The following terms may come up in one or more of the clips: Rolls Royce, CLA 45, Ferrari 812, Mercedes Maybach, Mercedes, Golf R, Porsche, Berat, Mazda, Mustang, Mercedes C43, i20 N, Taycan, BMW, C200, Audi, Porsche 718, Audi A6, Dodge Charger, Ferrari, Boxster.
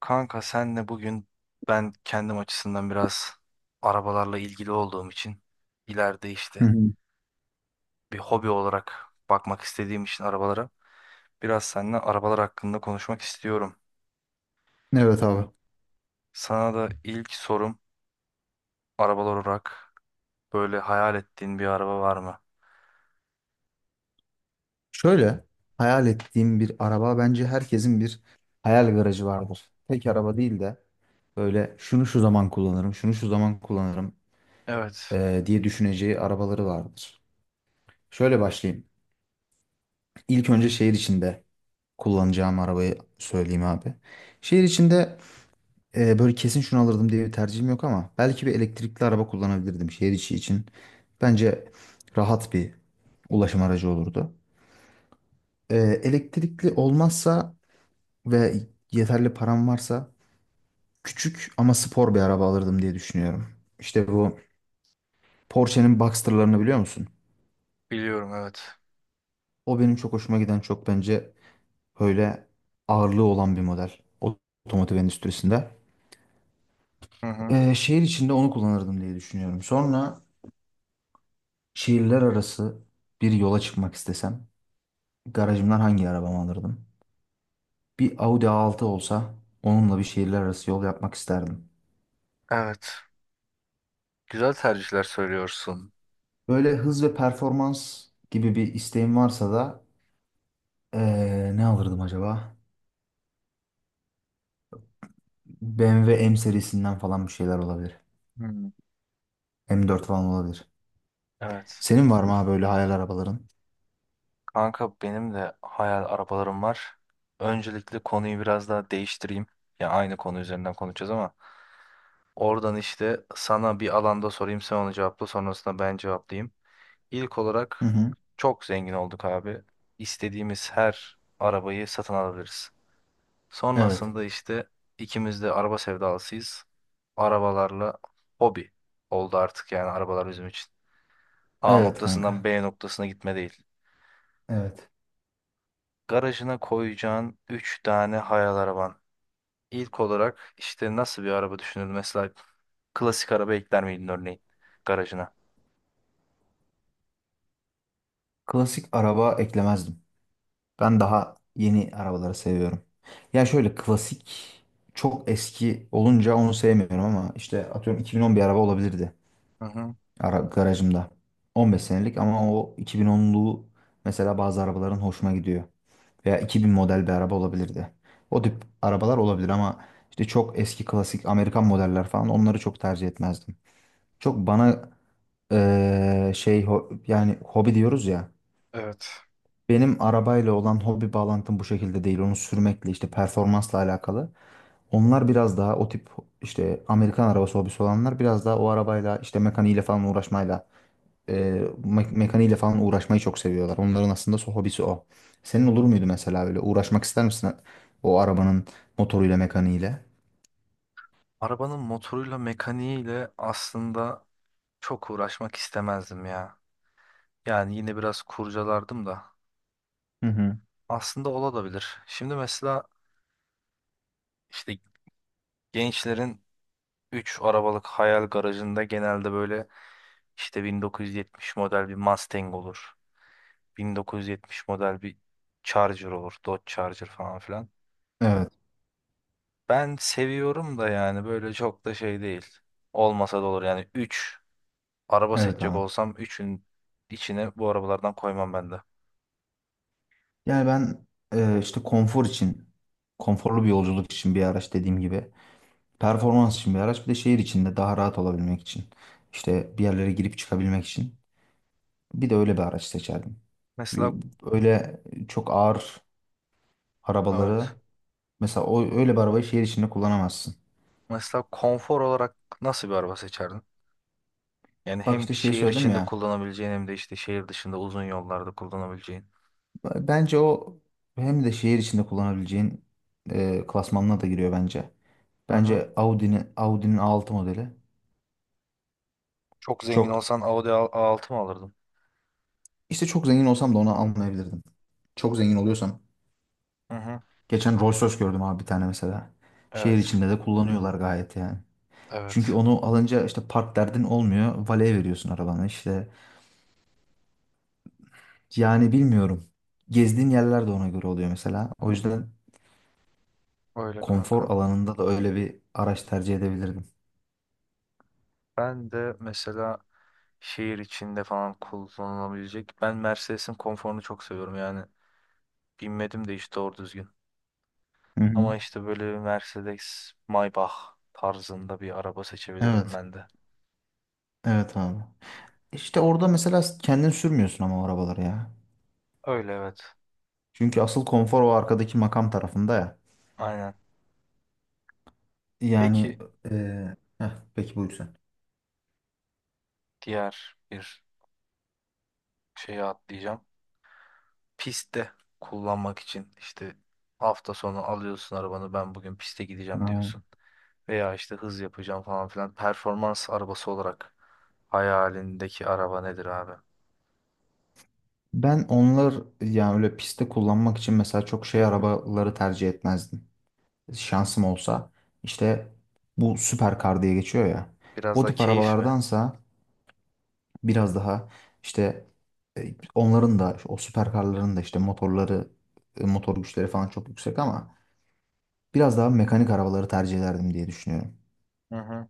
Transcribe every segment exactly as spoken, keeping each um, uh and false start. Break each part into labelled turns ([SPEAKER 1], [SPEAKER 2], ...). [SPEAKER 1] Kanka senle bugün ben kendim açısından biraz arabalarla ilgili olduğum için ileride
[SPEAKER 2] Hı
[SPEAKER 1] işte
[SPEAKER 2] hı.
[SPEAKER 1] bir hobi olarak bakmak istediğim için arabalara biraz seninle arabalar hakkında konuşmak istiyorum.
[SPEAKER 2] Evet abi.
[SPEAKER 1] Sana da ilk sorum arabalar olarak böyle hayal ettiğin bir araba var mı?
[SPEAKER 2] Şöyle, hayal ettiğim bir araba, bence herkesin bir hayal garajı vardır. Tek araba değil de böyle şunu şu zaman kullanırım, şunu şu zaman kullanırım,
[SPEAKER 1] Evet,
[SPEAKER 2] eee, diye düşüneceği arabaları vardır. Şöyle başlayayım. İlk önce şehir içinde kullanacağım arabayı söyleyeyim abi. Şehir içinde eee, böyle kesin şunu alırdım diye bir tercihim yok ama belki bir elektrikli araba kullanabilirdim şehir içi için. Bence rahat bir ulaşım aracı olurdu. Eee, elektrikli olmazsa ve yeterli param varsa küçük ama spor bir araba alırdım diye düşünüyorum. İşte bu Porsche'nin Boxster'larını biliyor musun?
[SPEAKER 1] biliyorum evet.
[SPEAKER 2] O benim çok hoşuma giden, çok bence böyle ağırlığı olan bir model otomotiv endüstrisinde.
[SPEAKER 1] Hı hı.
[SPEAKER 2] Ee, şehir içinde onu kullanırdım diye düşünüyorum. Sonra şehirler arası bir yola çıkmak istesem garajımdan hangi arabamı alırdım? Bir Audi A altı olsa onunla bir şehirler arası yol yapmak isterdim.
[SPEAKER 1] Evet, güzel tercihler söylüyorsun.
[SPEAKER 2] Böyle hız ve performans gibi bir isteğim varsa da Ee, ne alırdım acaba? B M W M W M serisinden falan bir şeyler olabilir.
[SPEAKER 1] Hı.
[SPEAKER 2] M dört falan olabilir.
[SPEAKER 1] Evet.
[SPEAKER 2] Senin var mı abi böyle hayal arabaların?
[SPEAKER 1] Kanka benim de hayal arabalarım var. Öncelikle konuyu biraz daha değiştireyim. Ya aynı konu üzerinden konuşacağız ama oradan işte sana bir alanda sorayım sen onu cevapla sonrasında ben cevaplayayım. İlk
[SPEAKER 2] Hı
[SPEAKER 1] olarak
[SPEAKER 2] hı.
[SPEAKER 1] çok zengin olduk abi. İstediğimiz her arabayı satın alabiliriz.
[SPEAKER 2] Evet.
[SPEAKER 1] Sonrasında işte ikimiz de araba sevdalısıyız. Arabalarla hobi oldu artık yani arabalar bizim için. A
[SPEAKER 2] Evet
[SPEAKER 1] noktasından
[SPEAKER 2] kanka.
[SPEAKER 1] B noktasına gitme değil.
[SPEAKER 2] Evet.
[SPEAKER 1] Garajına koyacağın üç tane hayal araban. İlk olarak işte nasıl bir araba düşünür? Mesela klasik araba ekler miydin örneğin garajına?
[SPEAKER 2] Klasik araba eklemezdim. Ben daha yeni arabaları seviyorum. Ya şöyle klasik çok eski olunca onu sevmiyorum ama işte atıyorum iki bin on bir araba olabilirdi
[SPEAKER 1] Hı hı.
[SPEAKER 2] ara garajımda. on beş senelik ama o iki bin onlu mesela bazı arabaların hoşuma gidiyor. Veya iki bin model bir araba olabilirdi. O tip arabalar olabilir ama işte çok eski klasik Amerikan modeller falan onları çok tercih etmezdim. Çok bana eee, şey ho- yani hobi diyoruz ya.
[SPEAKER 1] Evet.
[SPEAKER 2] Benim arabayla olan hobi bağlantım bu şekilde değil. Onu sürmekle, işte performansla alakalı. Onlar biraz daha o tip, işte Amerikan arabası hobisi olanlar biraz daha o arabayla, işte mekaniğiyle falan uğraşmayla e, me- mekaniğiyle falan uğraşmayı çok seviyorlar. Onların aslında so- hobisi o. Senin olur muydu mesela böyle uğraşmak ister misin o arabanın motoruyla, mekaniğiyle?
[SPEAKER 1] Arabanın motoruyla mekaniğiyle aslında çok uğraşmak istemezdim ya. Yani yine biraz kurcalardım da.
[SPEAKER 2] Hı hı.
[SPEAKER 1] Aslında olabilir. Şimdi mesela işte gençlerin üç arabalık hayal garajında genelde böyle işte bin dokuz yüz yetmiş model bir Mustang olur. bin dokuz yüz yetmiş model bir Charger olur. Dodge Charger falan filan.
[SPEAKER 2] Evet,
[SPEAKER 1] Ben seviyorum da yani böyle çok da şey değil. Olmasa da olur yani üç araba
[SPEAKER 2] evet
[SPEAKER 1] seçecek
[SPEAKER 2] abi.
[SPEAKER 1] olsam üçün içine bu arabalardan koymam ben de.
[SPEAKER 2] Yani ben, e, işte konfor için, konforlu bir yolculuk için bir araç dediğim gibi, performans için bir araç, bir de şehir içinde daha rahat olabilmek için, işte bir yerlere girip çıkabilmek için bir de öyle bir araç seçerdim.
[SPEAKER 1] Mesela
[SPEAKER 2] Yu- Öyle çok ağır
[SPEAKER 1] evet.
[SPEAKER 2] arabaları, mesela o öyle bir arabayı şehir içinde kullanamazsın.
[SPEAKER 1] Mesela konfor olarak nasıl bir araba seçerdin? Yani
[SPEAKER 2] Bak
[SPEAKER 1] hem
[SPEAKER 2] işte şey
[SPEAKER 1] şehir
[SPEAKER 2] söyledim
[SPEAKER 1] içinde
[SPEAKER 2] ya.
[SPEAKER 1] kullanabileceğin hem de işte şehir dışında uzun yollarda kullanabileceğin.
[SPEAKER 2] Bence o hem de şehir içinde kullanabileceğin e, klasmanına da giriyor bence.
[SPEAKER 1] Hı hı.
[SPEAKER 2] Bence Audi'nin Audi'nin A altı modeli
[SPEAKER 1] Çok zengin
[SPEAKER 2] çok
[SPEAKER 1] olsan Audi A- A6 mı alırdın?
[SPEAKER 2] işte çok zengin olsam da onu almayabilirdim. Çok zengin oluyorsam
[SPEAKER 1] Hı hı.
[SPEAKER 2] geçen Rolls Royce gördüm abi bir tane mesela. Şehir
[SPEAKER 1] Evet.
[SPEAKER 2] içinde de kullanıyorlar gayet yani. Çünkü
[SPEAKER 1] Evet.
[SPEAKER 2] onu alınca işte park derdin olmuyor. Valeye veriyorsun arabanı işte. Yani bilmiyorum. Gezdiğin yerler de ona göre oluyor mesela. O yüzden
[SPEAKER 1] Öyle kanka.
[SPEAKER 2] konfor alanında da öyle bir araç tercih edebilirdim.
[SPEAKER 1] Ben de mesela şehir içinde falan kullanılabilecek. Ben Mercedes'in konforunu çok seviyorum yani. Binmedim de hiç doğru düzgün.
[SPEAKER 2] Hı hı.
[SPEAKER 1] Ama işte böyle bir Mercedes Maybach tarzında bir araba seçebilirdim
[SPEAKER 2] Evet.
[SPEAKER 1] ben de.
[SPEAKER 2] Evet abi. İşte orada mesela kendin sürmüyorsun ama o arabaları ya.
[SPEAKER 1] Öyle evet.
[SPEAKER 2] Çünkü asıl konfor o arkadaki makam tarafında ya.
[SPEAKER 1] Aynen.
[SPEAKER 2] Yani
[SPEAKER 1] Peki
[SPEAKER 2] eee heh, peki buyur sen.
[SPEAKER 1] diğer bir şeye atlayacağım. Pistte kullanmak için işte hafta sonu alıyorsun arabanı ben bugün piste gideceğim
[SPEAKER 2] Aa,
[SPEAKER 1] diyorsun. Veya işte hız yapacağım falan filan. Performans arabası olarak hayalindeki araba nedir abi?
[SPEAKER 2] ben onlar, yani öyle pistte kullanmak için mesela çok şey arabaları tercih etmezdim. Şansım olsa, işte bu süperkar diye geçiyor ya.
[SPEAKER 1] Biraz
[SPEAKER 2] O
[SPEAKER 1] da
[SPEAKER 2] tip
[SPEAKER 1] keyif mi?
[SPEAKER 2] arabalardansa biraz daha, işte e, onların da o süperkarların da işte motorları, e, motor güçleri falan çok yüksek ama biraz daha mekanik arabaları tercih ederdim diye düşünüyorum.
[SPEAKER 1] Hı hı.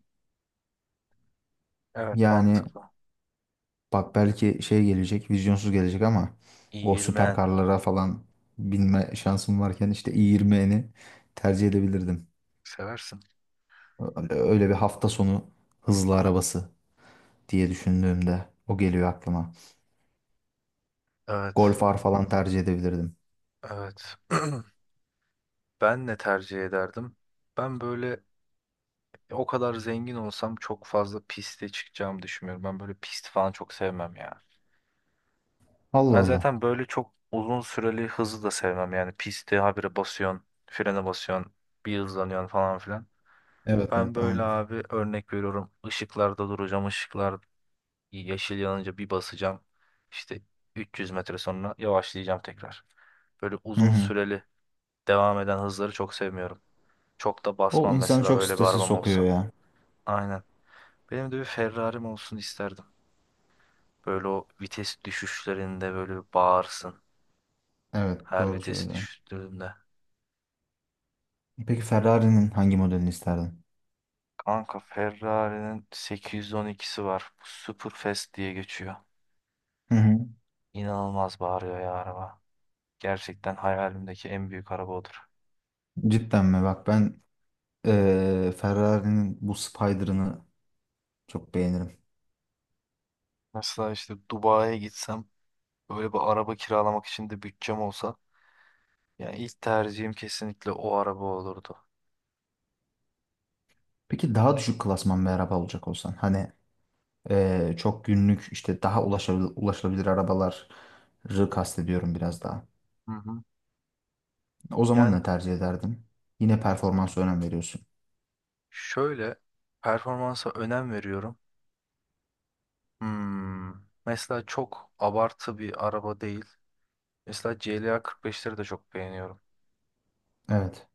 [SPEAKER 1] Evet
[SPEAKER 2] Yani
[SPEAKER 1] mantıklı.
[SPEAKER 2] bak, belki şey gelecek, vizyonsuz gelecek ama o
[SPEAKER 1] İğirmeyen.
[SPEAKER 2] süperkarlara falan binme şansım varken işte i yirmini tercih edebilirdim.
[SPEAKER 1] Seversin.
[SPEAKER 2] Öyle öyle bir hafta sonu hızlı arabası diye düşündüğümde o geliyor aklıma.
[SPEAKER 1] Evet.
[SPEAKER 2] Golf R falan tercih edebilirdim.
[SPEAKER 1] Evet. Ben ne tercih ederdim? Ben böyle o kadar zengin olsam çok fazla piste çıkacağımı düşünmüyorum. Ben böyle pist falan çok sevmem ya.
[SPEAKER 2] Allah
[SPEAKER 1] Ben
[SPEAKER 2] Allah.
[SPEAKER 1] zaten böyle çok uzun süreli hızı da sevmem. Yani pisti habire basıyorsun, frene basıyorsun, bir hızlanıyorsun falan filan.
[SPEAKER 2] Evet, evet
[SPEAKER 1] Ben böyle
[SPEAKER 2] anladım.
[SPEAKER 1] abi örnek veriyorum. Işıklarda duracağım, ışıklarda yeşil yanınca bir basacağım. İşte üç yüz metre sonra yavaşlayacağım tekrar. Böyle
[SPEAKER 2] Hı
[SPEAKER 1] uzun
[SPEAKER 2] hı.
[SPEAKER 1] süreli devam eden hızları çok sevmiyorum. Çok da
[SPEAKER 2] O
[SPEAKER 1] basmam
[SPEAKER 2] insanı
[SPEAKER 1] mesela
[SPEAKER 2] çok
[SPEAKER 1] öyle bir
[SPEAKER 2] strese
[SPEAKER 1] arabam
[SPEAKER 2] sokuyor
[SPEAKER 1] olsa.
[SPEAKER 2] ya.
[SPEAKER 1] Aynen. Benim de bir Ferrari'm olsun isterdim. Böyle o vites düşüşlerinde böyle bir bağırsın.
[SPEAKER 2] Evet,
[SPEAKER 1] Her
[SPEAKER 2] doğru
[SPEAKER 1] vites
[SPEAKER 2] söylüyorsun.
[SPEAKER 1] düştüğümde.
[SPEAKER 2] Peki Ferrari'nin hangi modelini isterdin?
[SPEAKER 1] Kanka Ferrari'nin sekiz yüz on ikisi var. Bu Superfast diye geçiyor.
[SPEAKER 2] Hı hı.
[SPEAKER 1] İnanılmaz bağırıyor ya araba. Gerçekten hayalimdeki en büyük araba odur.
[SPEAKER 2] Cidden mi? Bak ben, Ee, Ferrari'nin bu Spider'ını çok beğenirim.
[SPEAKER 1] Mesela işte Dubai'ye gitsem böyle bir araba kiralamak için de bütçem olsa yani ilk tercihim kesinlikle o araba olurdu.
[SPEAKER 2] Peki daha düşük klasman bir araba olacak olsan, hani ee, çok günlük, işte daha ulaşabil ulaşılabilir arabaları kastediyorum biraz daha.
[SPEAKER 1] Hı hı.
[SPEAKER 2] O zaman
[SPEAKER 1] Yani
[SPEAKER 2] ne tercih ederdin? Yine performansa önem veriyorsun.
[SPEAKER 1] şöyle performansa önem veriyorum. Hmm, Mesela çok abartı bir araba değil. Mesela C L A kırk beşleri de çok beğeniyorum.
[SPEAKER 2] Evet.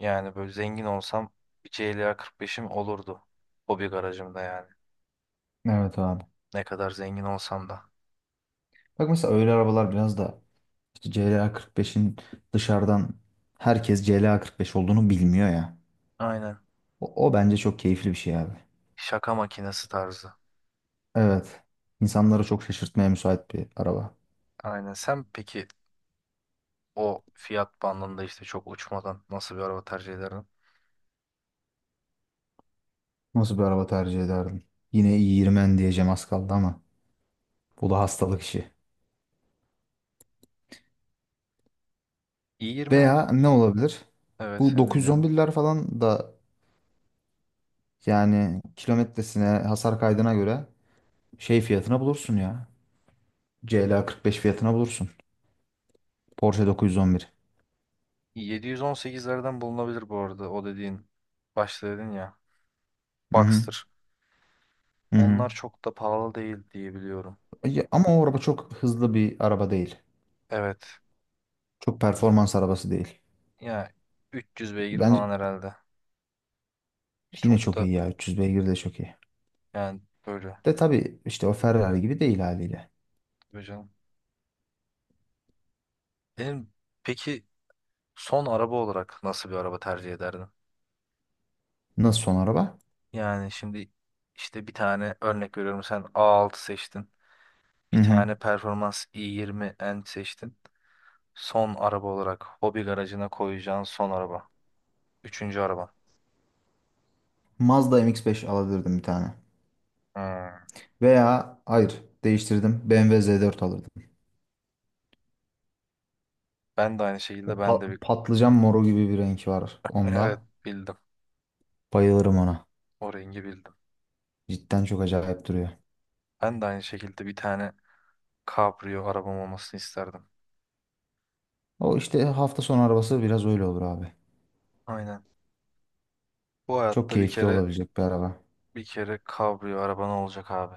[SPEAKER 1] Yani böyle zengin olsam bir C L A kırk beşim olurdu. Hobi garajımda yani.
[SPEAKER 2] Evet abi.
[SPEAKER 1] Ne kadar zengin olsam da.
[SPEAKER 2] Bak mesela öyle arabalar biraz da işte C L A kırk beşin dışarıdan herkes C L A kırk beş olduğunu bilmiyor ya.
[SPEAKER 1] Aynen.
[SPEAKER 2] O, o bence çok keyifli bir şey abi.
[SPEAKER 1] Şaka makinesi tarzı.
[SPEAKER 2] Evet. İnsanları çok şaşırtmaya müsait bir araba.
[SPEAKER 1] Aynen. Sen peki o fiyat bandında işte çok uçmadan nasıl bir araba tercih ederdin?
[SPEAKER 2] Nasıl bir araba tercih ederdim? Yine i diyeceğim az kaldı ama bu da hastalık işi.
[SPEAKER 1] i yirmi
[SPEAKER 2] Veya ne olabilir?
[SPEAKER 1] evet
[SPEAKER 2] Bu
[SPEAKER 1] seni dinliyorum.
[SPEAKER 2] dokuz yüz on birler falan da yani kilometresine, hasar kaydına göre şey fiyatına bulursun ya. C L A kırk beş fiyatına bulursun. Porsche dokuz yüz on bir.
[SPEAKER 1] yedi yüz on sekizlerden bulunabilir bu arada o dediğin başta dedin ya
[SPEAKER 2] Hı hı.
[SPEAKER 1] Boxster.
[SPEAKER 2] Hı hı.
[SPEAKER 1] Onlar çok da pahalı değil diye biliyorum.
[SPEAKER 2] Ya ama o araba çok hızlı bir araba değil.
[SPEAKER 1] Evet.
[SPEAKER 2] Çok performans arabası değil.
[SPEAKER 1] Yani üç yüz beygir
[SPEAKER 2] Bence
[SPEAKER 1] falan herhalde.
[SPEAKER 2] yine
[SPEAKER 1] Çok
[SPEAKER 2] çok
[SPEAKER 1] da
[SPEAKER 2] iyi ya. üç yüz beygir de çok iyi.
[SPEAKER 1] yani böyle.
[SPEAKER 2] De tabii işte o Ferrari gibi değil haliyle.
[SPEAKER 1] Tabii canım. Benim peki son araba olarak nasıl bir araba tercih ederdin?
[SPEAKER 2] Nasıl son araba?
[SPEAKER 1] Yani şimdi işte bir tane örnek veriyorum sen A altı seçtin. Bir
[SPEAKER 2] Hı hı.
[SPEAKER 1] tane Performans i yirmi N seçtin. Son araba olarak hobi garajına koyacağın son araba. Üçüncü araba.
[SPEAKER 2] Mazda M X beş alabilirdim bir tane.
[SPEAKER 1] Hmm.
[SPEAKER 2] Veya hayır, değiştirdim. B M W Z dört alırdım.
[SPEAKER 1] Ben de aynı
[SPEAKER 2] O
[SPEAKER 1] şekilde ben
[SPEAKER 2] pa-
[SPEAKER 1] de bir...
[SPEAKER 2] patlıcan moru gibi bir renk var
[SPEAKER 1] Evet
[SPEAKER 2] onda.
[SPEAKER 1] bildim.
[SPEAKER 2] Bayılırım ona.
[SPEAKER 1] O rengi bildim.
[SPEAKER 2] Cidden çok acayip duruyor.
[SPEAKER 1] Ben de aynı şekilde bir tane kabrio arabam olmasını isterdim.
[SPEAKER 2] O işte hafta sonu arabası biraz öyle olur abi.
[SPEAKER 1] Aynen. Bu
[SPEAKER 2] Çok
[SPEAKER 1] hayatta bir
[SPEAKER 2] keyifli
[SPEAKER 1] kere
[SPEAKER 2] olabilecek bir araba.
[SPEAKER 1] bir kere kabrio araban olacak abi.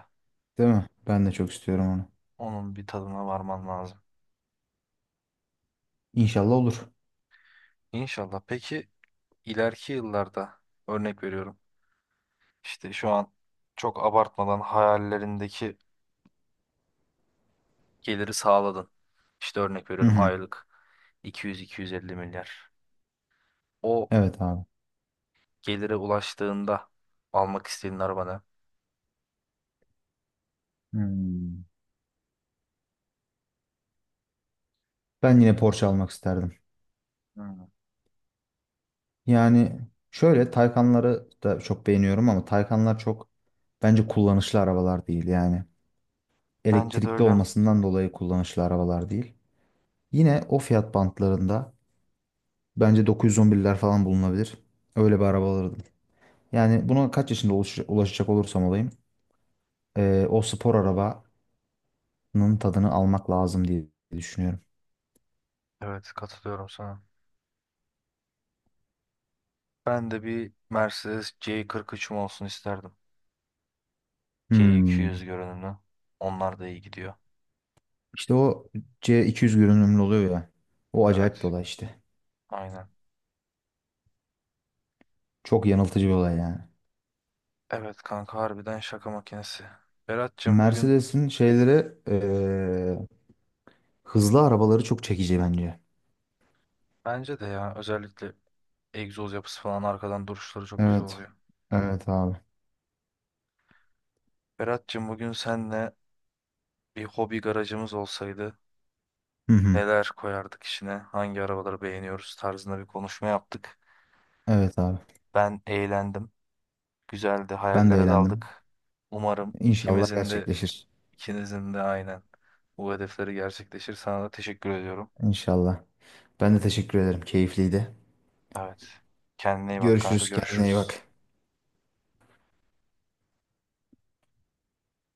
[SPEAKER 2] Değil mi? Ben de çok istiyorum onu.
[SPEAKER 1] Onun bir tadına varman lazım.
[SPEAKER 2] İnşallah olur.
[SPEAKER 1] İnşallah. Peki ileriki yıllarda örnek veriyorum. İşte şu an çok abartmadan hayallerindeki geliri sağladın. İşte örnek
[SPEAKER 2] Hı
[SPEAKER 1] veriyorum
[SPEAKER 2] hı.
[SPEAKER 1] aylık iki yüz iki yüz elli milyar. O
[SPEAKER 2] Evet abi.
[SPEAKER 1] gelire ulaştığında almak istediğin araba ne?
[SPEAKER 2] Hmm. Ben yine Porsche almak isterdim.
[SPEAKER 1] Hmm.
[SPEAKER 2] Yani şöyle Taycanları da çok beğeniyorum ama Taycanlar çok, bence kullanışlı arabalar değil yani.
[SPEAKER 1] Bence de
[SPEAKER 2] Elektrikli
[SPEAKER 1] öyle.
[SPEAKER 2] olmasından dolayı kullanışlı arabalar değil. Yine o fiyat bantlarında bence dokuz yüz on birler falan bulunabilir. Öyle bir araba alırdım. Yani buna kaç yaşında ulaş- ulaşacak olursam olayım eee, o spor arabanın tadını almak lazım diye düşünüyorum.
[SPEAKER 1] Evet katılıyorum sana. Ben de bir Mercedes C kırk üçüm olsun isterdim. C iki yüz
[SPEAKER 2] Hmm.
[SPEAKER 1] görünümlü. Onlar da iyi gidiyor.
[SPEAKER 2] İşte o C iki yüz görünümlü oluyor ya. O acayip bir
[SPEAKER 1] Evet.
[SPEAKER 2] olay işte.
[SPEAKER 1] Aynen.
[SPEAKER 2] Çok yanıltıcı bir olay yani.
[SPEAKER 1] Evet kanka harbiden şaka makinesi. Berat'cığım bugün
[SPEAKER 2] Mercedes'in şeyleri eee, hızlı arabaları çok çekici bence.
[SPEAKER 1] bence de ya özellikle egzoz yapısı falan arkadan duruşları çok güzel
[SPEAKER 2] Evet.
[SPEAKER 1] oluyor.
[SPEAKER 2] Evet abi.
[SPEAKER 1] Berat'cığım bugün senle bir hobi garajımız olsaydı
[SPEAKER 2] Hı hı.
[SPEAKER 1] neler koyardık içine, hangi arabaları beğeniyoruz tarzında bir konuşma yaptık.
[SPEAKER 2] Evet abi.
[SPEAKER 1] Ben eğlendim. Güzeldi.
[SPEAKER 2] Ben de
[SPEAKER 1] Hayallere
[SPEAKER 2] eğlendim.
[SPEAKER 1] daldık. Umarım
[SPEAKER 2] İnşallah
[SPEAKER 1] ikimizin de
[SPEAKER 2] gerçekleşir.
[SPEAKER 1] ikinizin de aynen bu hedefleri gerçekleşir. Sana da teşekkür ediyorum.
[SPEAKER 2] İnşallah. Ben de teşekkür ederim. Keyifliydi.
[SPEAKER 1] Evet. Kendine iyi bak kanka.
[SPEAKER 2] Görüşürüz. Kendine iyi
[SPEAKER 1] Görüşürüz.
[SPEAKER 2] bak.